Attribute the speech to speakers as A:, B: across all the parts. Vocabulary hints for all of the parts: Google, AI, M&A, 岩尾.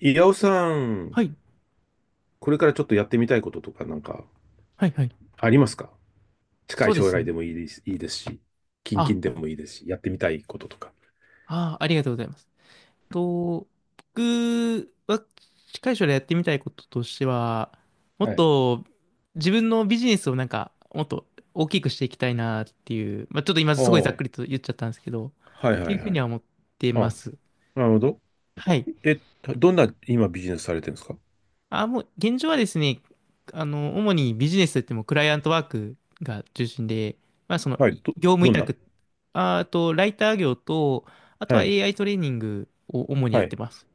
A: 岩尾さん、
B: はい。
A: これからちょっとやってみたいこととかなんか
B: はいはい。
A: ありますか？近
B: そ
A: い
B: うで
A: 将
B: す
A: 来で
B: ね。
A: もいいですし、近
B: あ、
A: 々でもいいですし、やってみたいこととか。
B: ありがとうございます。と、僕は近い将来やってみたいこととしては、も
A: は
B: っ
A: い。
B: と自分のビジネスをなんか、もっと大きくしていきたいなっていう、まあ、ちょっと今
A: ああ、
B: すごいざっ
A: は
B: くりと言っちゃったんですけど、っ
A: いはい
B: ていうふう
A: は
B: に
A: い。
B: は思ってま
A: あ、
B: す。
A: なるほど。
B: はい。
A: え、どんな今ビジネスされてるんですか？
B: あ、もう、現状はですね、主にビジネスといってもクライアントワークが中心で、まあ、その、
A: はい、ど、
B: 業務委
A: どんな
B: 託、ああと、ライター業と、あと
A: は
B: は
A: い、
B: AI トレーニングを主にや
A: は
B: っ
A: い。
B: てます。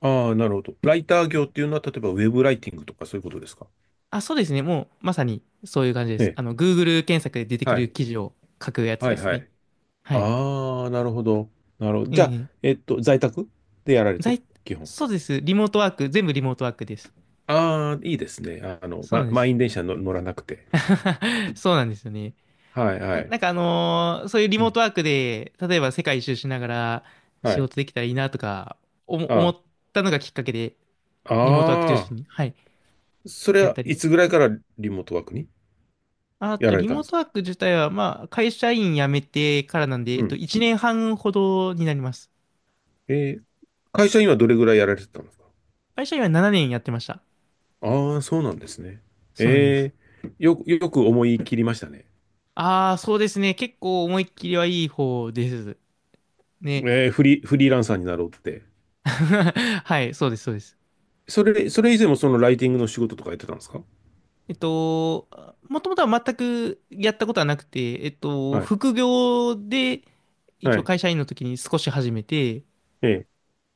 A: ああ、なるほど。ライター業っていうのは、例えばウェブライティングとかそういうことですか？
B: あ、そうですね。もう、まさにそういう感じで
A: え
B: す。
A: え、
B: Google 検索で出てく
A: は
B: る
A: い、
B: 記事を書くやつ
A: は
B: で
A: い
B: す
A: は
B: ね。
A: い。
B: はい。
A: ああ、なるほど。なるほど。じゃあ、
B: ええ
A: 在宅でやられてる
B: 在、
A: 基本。
B: そうです。リモートワーク、全部リモートワークです。
A: ああ、いいですね。
B: そうなんで
A: 満
B: す。
A: 員電車の乗らなくて。
B: そうなんですよね。
A: はい、は
B: あ
A: い。
B: なんかあのーそういうリ
A: う
B: モー
A: ん、
B: トワークで、例えば世界一周しながら
A: は
B: 仕
A: い。
B: 事できたらいいなとか、おも思
A: あ
B: ったのがきっかけで、
A: あ、
B: リモートワーク中心に、はい、
A: それ
B: やっ
A: は
B: たり
A: い
B: を。
A: つぐらいからリモートワークに
B: あ
A: や
B: と、
A: られ
B: リ
A: たん
B: モー
A: です
B: ト
A: か？
B: ワーク自体は、まあ、会社員辞めてからなんで、
A: うん。
B: 1年半ほどになります。
A: えー会社にはどれぐらいやられてたんですか？
B: 会社員は7年やってました。
A: ああそうなんですね。
B: そうなんです。
A: えよく思い切りましたね。
B: ああ、そうですね。結構思いっきりはいい方です。ね。
A: フリーランサーになろうって。
B: はい、そうです、そうです。
A: それ以前もそのライティングの仕事とかやってたんですか？
B: えっと、もともとは全くやったことはなくて、
A: はい、
B: 副業で一
A: は
B: 応
A: い、
B: 会社員の時に少し始めて、
A: ええ、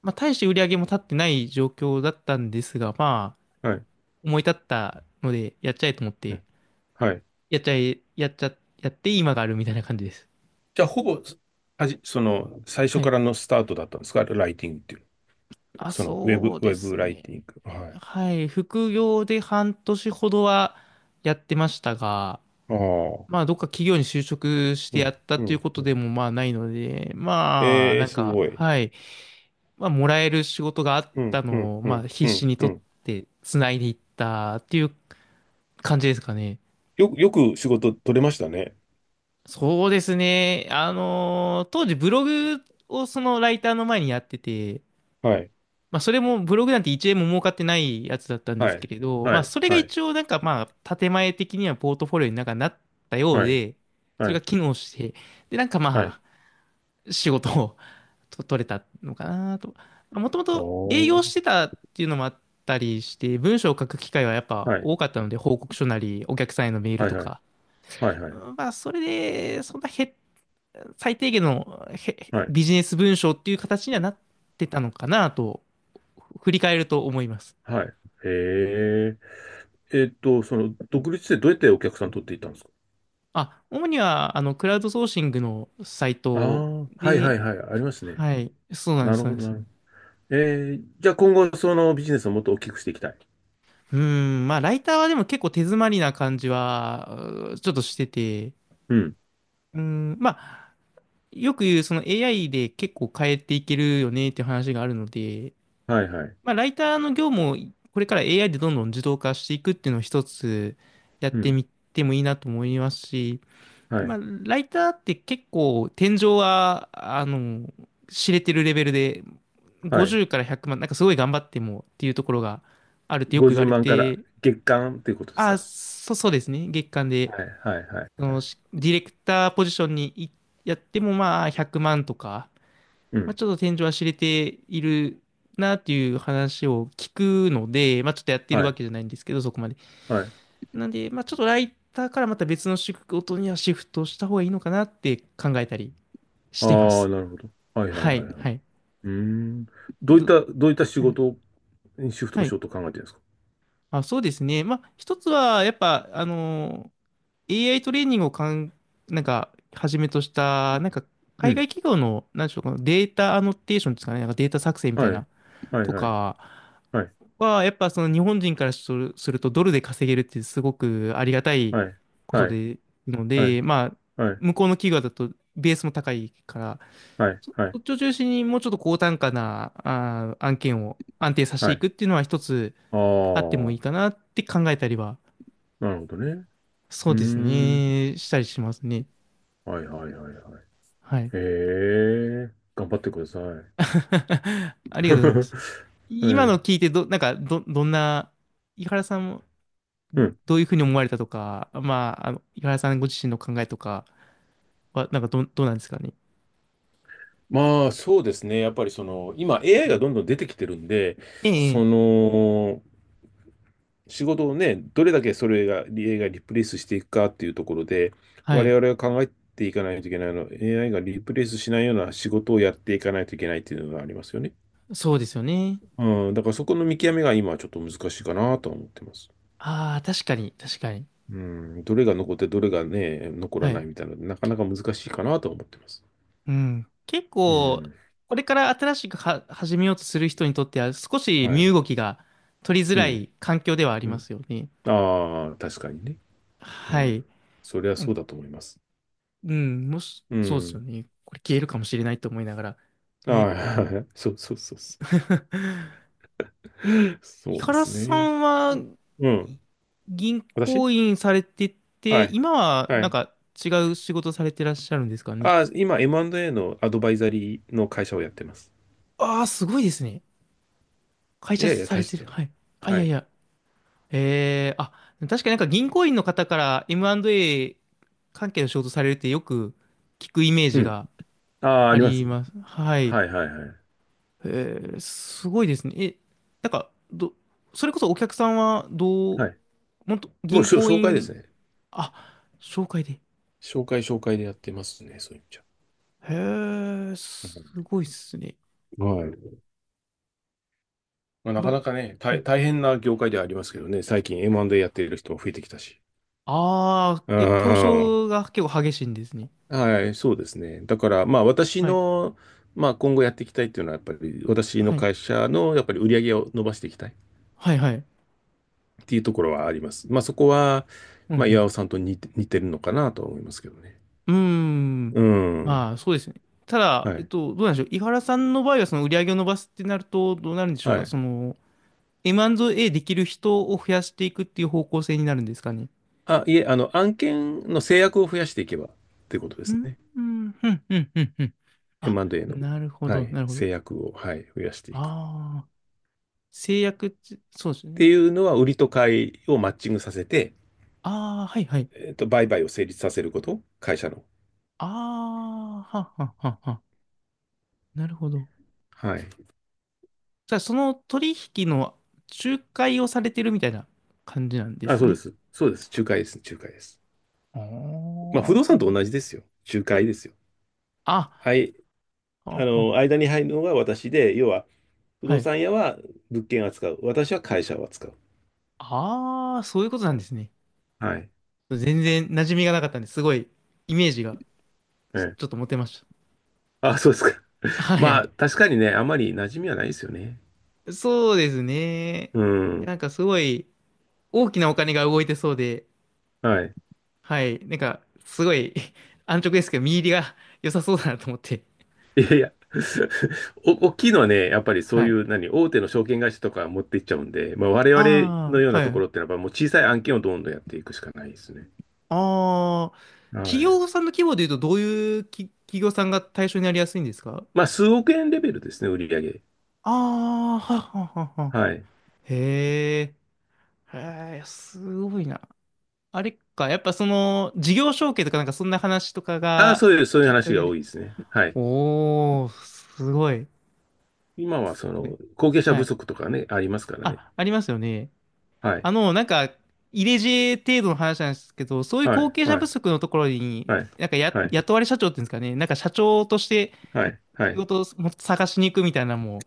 B: まあ、大して売り上げも立ってない状況だったんですが、まあ、
A: はい、
B: 思い立ったので、やっちゃえと思っ
A: え
B: て、
A: えはい。
B: やっちゃえ、やって今があるみたいな感じです。
A: じゃあ、ほぼ、はじ、その、最初
B: は
A: か
B: い。
A: らのスタートだったんですかライティングっていう？
B: あ、
A: その、
B: そう
A: ウ
B: で
A: ェブ
B: す
A: ライ
B: ね。
A: ティング。はい。
B: はい。副業で半年ほどはやってましたが、
A: ああ、
B: まあ、どっか企業に就職し
A: う
B: てや
A: ん、
B: った
A: う
B: という
A: ん、
B: こ
A: う
B: と
A: ん。
B: でもまあないので、まあ、
A: え
B: な
A: え、
B: ん
A: す
B: か、
A: ごい。
B: はい、まあ、もらえる仕事があっ
A: う
B: た
A: ん、うん、
B: のを、
A: う
B: まあ、
A: ん、
B: 必
A: う
B: 死
A: ん、
B: に
A: う
B: 取っ
A: ん。
B: てつないでいったっていう感じですかね。
A: よく仕事取れましたね。
B: そうですね。当時ブログをそのライターの前にやってて、
A: はい、
B: まあ、それもブログなんて1円も儲かってないやつだったんで
A: は
B: すけ
A: い、
B: れど、ま
A: は
B: あ、
A: い、
B: それが
A: はい、
B: 一応なんかまあ、建前的にはポートフォリオになんかなったよう
A: はい、
B: で、そ
A: は
B: れが
A: い、
B: 機能して、で、なんか
A: はい。
B: まあ、仕事を取れたのかなと。もとも
A: お
B: と営
A: ー、
B: 業してたっていうのもあったりして、文章を書く機会はやっぱ
A: はい、
B: 多かったので、報告書なり、お客さんへのメール
A: はい、
B: と
A: はい、
B: か。
A: はい、は
B: う
A: い、
B: んまあ、それで、そんなへ、最低限の
A: はい、
B: ビジネス文章っていう形にはなってたのかなと、振り返ると思います。
A: はい。へえ。その、独立でどうやってお客さん取っていったんですか？
B: あ、主には、クラウドソーシングのサイ
A: ああ
B: ト
A: ー、はいは
B: で、
A: いはい、ありますね。
B: はい、そうなんで
A: な
B: す、
A: る
B: そう
A: ほ
B: なん
A: ど、
B: です。
A: なるほど。じゃあ今後、そのビジネスをもっと大きくしていきたい。
B: うーん、まあ、ライターはでも結構手詰まりな感じは、ちょっとしてて、
A: うん。
B: うーん、まあ、よく言う、その AI で結構変えていけるよねっていう話があるので、
A: はいはい。
B: まあ、ライターの業務をこれから AI でどんどん自動化していくっていうのを一つやっ
A: う
B: て
A: ん。
B: みてもいいなと思いますし、
A: は
B: まあ、
A: い。
B: ライターって結構天井は、知れてるレベルで、
A: はい。
B: 50から100万、なんかすごい頑張ってもっていうところがあるってよく言
A: 50
B: われ
A: 万から
B: て、
A: 月間ということです
B: あ、
A: か？
B: そうですね。月間で
A: はい。はい。はい。
B: そ
A: は
B: の
A: い
B: ディレクターポジションにやってもまあ100万とか、
A: う
B: まあ、
A: ん。
B: ちょっと天井は知れているなっていう話を聞くので、まあ、ちょっとやってる
A: は
B: わ
A: い。
B: けじゃないんですけど、そこまで。
A: はい。
B: なんで、まあ、ちょっとライターからまた別の仕事にはシフトした方がいいのかなって考えたりしてま
A: ああ、
B: す。
A: なるほど。はい。はい。
B: は
A: はい。
B: い、
A: はい。う
B: はい。
A: ーん。
B: ど
A: どういった仕
B: はい、
A: 事にシフト
B: は
A: し
B: い。
A: ようと考えてるんですか？
B: あ、そうですね。まあ、一つは、やっぱ、AI トレーニングをなんか、はじめとした、なんか、
A: う
B: 海
A: ん。
B: 外企業の、なんでしょう、このデータアノテーションですかね、なんかデータ作成み
A: は
B: たいな、
A: い。はい。
B: と
A: はい。
B: か
A: はい。
B: は、やっぱその日本人からすると、ドルで稼げるってすごくありがたい
A: はい。
B: こと
A: はい。
B: で、の
A: は
B: で、まあ、
A: い。
B: 向こうの企業だと、ベースも高いから、
A: はい。はい。は
B: そ
A: い。
B: っちを中心にもうちょっと高単価な、案件を安定させて
A: は
B: い
A: い。
B: くっていうのは一つ
A: あ
B: あってもいい
A: あ、
B: かなって考えたりは、
A: なるほどね。
B: そ
A: うー
B: うです
A: ん。
B: ね、したりしますね。
A: はい。はい。はい。はい。
B: はい。
A: へえ。頑張ってください。
B: ありがとうございます。
A: は
B: 今の
A: い。
B: 聞いてなんか、どんな、井原さんも
A: うん。
B: どういうふうに思われたとか、まあ、井原さんご自身の考えとかは、なんかどうなんですかね。
A: まあ、そうですね。やっぱりその、今 AI がどんどん出てきてるんで、
B: ええ、
A: そ
B: ええ、
A: の、仕事をね、どれだけそれが、AI がリプレイスしていくかっていうところで、
B: は
A: 我
B: い。
A: 々が考えていかないといけないの、AI がリプレイスしないような仕事をやっていかないといけないっていうのがありますよね。
B: そうですよね。
A: うん、だからそこの見極めが今はちょっと難しいかなとは思ってます。
B: ああ、確かに、確かに。
A: うん、どれが残ってどれがね、残
B: は
A: らな
B: い。
A: いみたいな、なかなか難しいかなとは思ってます。
B: うん。結
A: う
B: 構、
A: ん、
B: これから新しくは始めようとする人にとっては、少し
A: は
B: 身
A: い。
B: 動きが取りづ
A: う
B: ら
A: ん。
B: い環境ではあり
A: う
B: ま
A: ん。
B: すよね。
A: ああ、確かにね。う
B: はい。
A: ん。そりゃ
B: なん
A: そう
B: か
A: だと思います。
B: うん、もし、
A: う
B: そうですよ
A: ん。
B: ね。これ消えるかもしれないと思いながら。
A: あ
B: ね。
A: あ、そうそうそうそ う。
B: 井
A: そうで
B: 原
A: す
B: さ
A: ね。
B: んは
A: う
B: い
A: ん。
B: 銀
A: 私
B: 行員されてて、
A: はい。
B: 今は
A: は
B: なん
A: い。
B: か違う仕事されてらっしゃるんですかね。
A: 今 M&A のアドバイザリーの会社をやってます。
B: ああ、すごいですね。会
A: い
B: 社
A: やいや、
B: さ
A: 大
B: れ
A: し
B: て
A: た
B: る。
A: の。
B: はい。あ、い
A: は
B: やい
A: い。
B: や。あ、確かになんか銀行員の方から M&A 関係の仕事されるってよく聞くイメー
A: う
B: ジ
A: ん。
B: が
A: ああ、あ
B: あ
A: りま
B: り
A: す。
B: ます。はい。
A: はいはいはい。
B: えすごいですね。え、なんか、それこそお客さんはどう、
A: はい。
B: もっと
A: もう
B: 銀行
A: 紹介で
B: 員、
A: すね。
B: あ、紹介で。
A: 紹介紹介でやってますね、そういう意味じゃ。
B: へえ、
A: う
B: す
A: ん
B: ごいっすね。
A: はい。まあ、なか
B: ど、
A: なかね、
B: はい。
A: 大変な業界ではありますけどね、最近 M&A やっている人も増えてきたし。
B: ああ、
A: う
B: いや、競
A: ん。
B: 争が結構激しいんですね。
A: はい、そうですね。だから、まあ、私
B: はい。
A: の、まあ、今後やっていきたいっていうのは、やっぱり、私の
B: はい。
A: 会社の、やっぱり売り上げを伸ばしていきたい
B: はい、はい。
A: っていうところはあります。まあ、そこは、
B: う
A: まあ、
B: ん、
A: 岩尾さんと似てるのかなとは思いますけどね。
B: うん。うーん。
A: うん。
B: まあ、そうですね。ただ、
A: はい。
B: どうなんでしょう。井原さんの場合は、その売り上げを伸ばすってなると、どうなるんでしょう
A: は
B: か。そ
A: い。
B: の、M&A できる人を増やしていくっていう方向性になるんですかね。
A: あ、いえ、あの、案件の制約を増やしていけばってことで
B: う
A: す
B: ん、
A: ね。
B: うん、うん、うん、うん。うん、あ、
A: M&A の、
B: なるほ
A: は
B: ど、
A: い、
B: なるほど。
A: 制約を、はい、増やしていく。
B: ああ、制約って、
A: っ
B: そうですよ
A: て
B: ね。
A: いうのは、売りと買いをマッチングさせて、
B: ああ、はい、はい。
A: 売買を成立させること、会社の。
B: ああ、はっはっはっは。なるほど。
A: はい。
B: じゃあ、その取引の仲介をされてるみたいな感じなんで
A: あ、
B: す
A: そうで
B: ね。
A: す。そうです。仲介です。仲介です。
B: あ
A: まあ、不動
B: ー
A: 産と同じですよ。仲介ですよ。
B: あ、
A: はい。
B: あ、あ、
A: 間に入るのが私で、要は、不
B: は
A: 動
B: い。
A: 産屋は物件を扱う。私は会社を扱う。
B: ああ、そういうことなんですね。
A: はい。
B: 全然馴染みがなかったんですごいイメージが
A: ええ。
B: ちょっと持てまし
A: あ、そうですか。
B: た。は
A: ま
B: い。
A: あ、確かにね、あんまり馴染みはないですよね。
B: そうですね。
A: う
B: な
A: ん。
B: んかすごい大きなお金が動いてそうで、
A: はい。
B: はい。なんかすごい 安直ですけど、見入りが良さそうだなと思って。
A: いやいや。大きいのはね、やっぱりそ
B: は
A: うい
B: い。
A: う、何、大手の証券会社とか持っていっちゃうんで、まあ、我々の
B: あ
A: よう
B: あ、
A: な
B: は
A: とこ
B: い。
A: ろってのは、もう小さい案件をどんどんやっていくしかないですね。
B: ああ、
A: は
B: 企
A: い。
B: 業さんの規模で言うと、どういう企業さんが対象になりやすいんですか？
A: まあ、数億円レベルですね、売り上げ。
B: ああー、はっはっはっは。
A: はい。
B: へえ、へえ、すごいな。あれか、やっぱその、事業承継とかなんかそんな話とか
A: ああ、
B: が
A: そういう
B: きっか
A: 話
B: け
A: が
B: で。
A: 多いですね。はい。
B: おー、すごい。
A: 今は、
B: す
A: そ
B: ごい、
A: の、後継者
B: は
A: 不
B: い。
A: 足とかね、ありますからね。
B: あ、ありますよね。
A: はい。
B: なんか、入れ知恵程度の話なんですけど、そういう
A: は
B: 後
A: い。
B: 継者
A: は
B: 不
A: い。
B: 足のところ
A: は
B: に、
A: い。
B: なんか
A: はい。
B: 雇われ社長っていうんですかね、なんか社長として、
A: はい。は
B: 仕
A: い。
B: 事をもっと探しに行くみたいなのも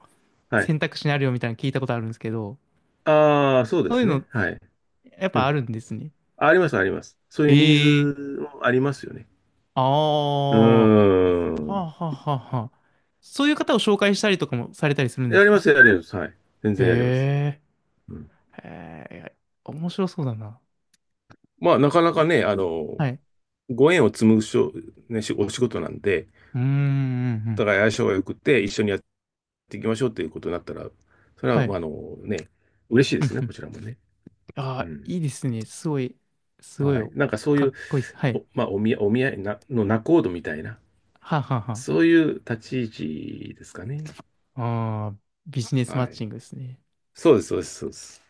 A: はい。
B: 選択肢にあるよみたいなの聞いたことあるんですけど、
A: ああ、そうで
B: そうい
A: す
B: うの
A: ね。はい。
B: やっ
A: う
B: ぱあ
A: ん。
B: るんですね。
A: あります、あります。そうい
B: え
A: うニー
B: え、
A: ズもありますよね。
B: あ
A: う
B: あ、は
A: ー
B: あ
A: ん。
B: はあはあはあ。そういう方を紹介したりとかもされたりするんで
A: やり
B: す
A: ま
B: か？
A: す、やります。はい。全然やります。
B: へ
A: うん。
B: え、へえ、面白そうだな。
A: まあ、なかなかね、あの、
B: はい。う
A: ご縁を紡ぐね、お仕事なんで、
B: ーん、うんう
A: お
B: ん、
A: 互い相性が良くて、一緒にやっていきましょうということになったら、それ
B: は
A: は、
B: い。
A: まあ、あのね、嬉しいで
B: う
A: す
B: ん
A: ね、
B: うん。
A: こちらもね。
B: あ
A: う
B: あ、
A: ん。
B: いいですね。すごい、すごい、
A: はい。なんかそう
B: か
A: い
B: っ
A: う、
B: こいいです。はい。
A: まあ、お見合いな、の仲人みたいな、
B: はあはあは
A: そういう立ち位置ですかね？
B: あ。ああ、ビジネスマッ
A: は
B: チ
A: い。
B: ングですね。
A: そうです、そうです、そうです。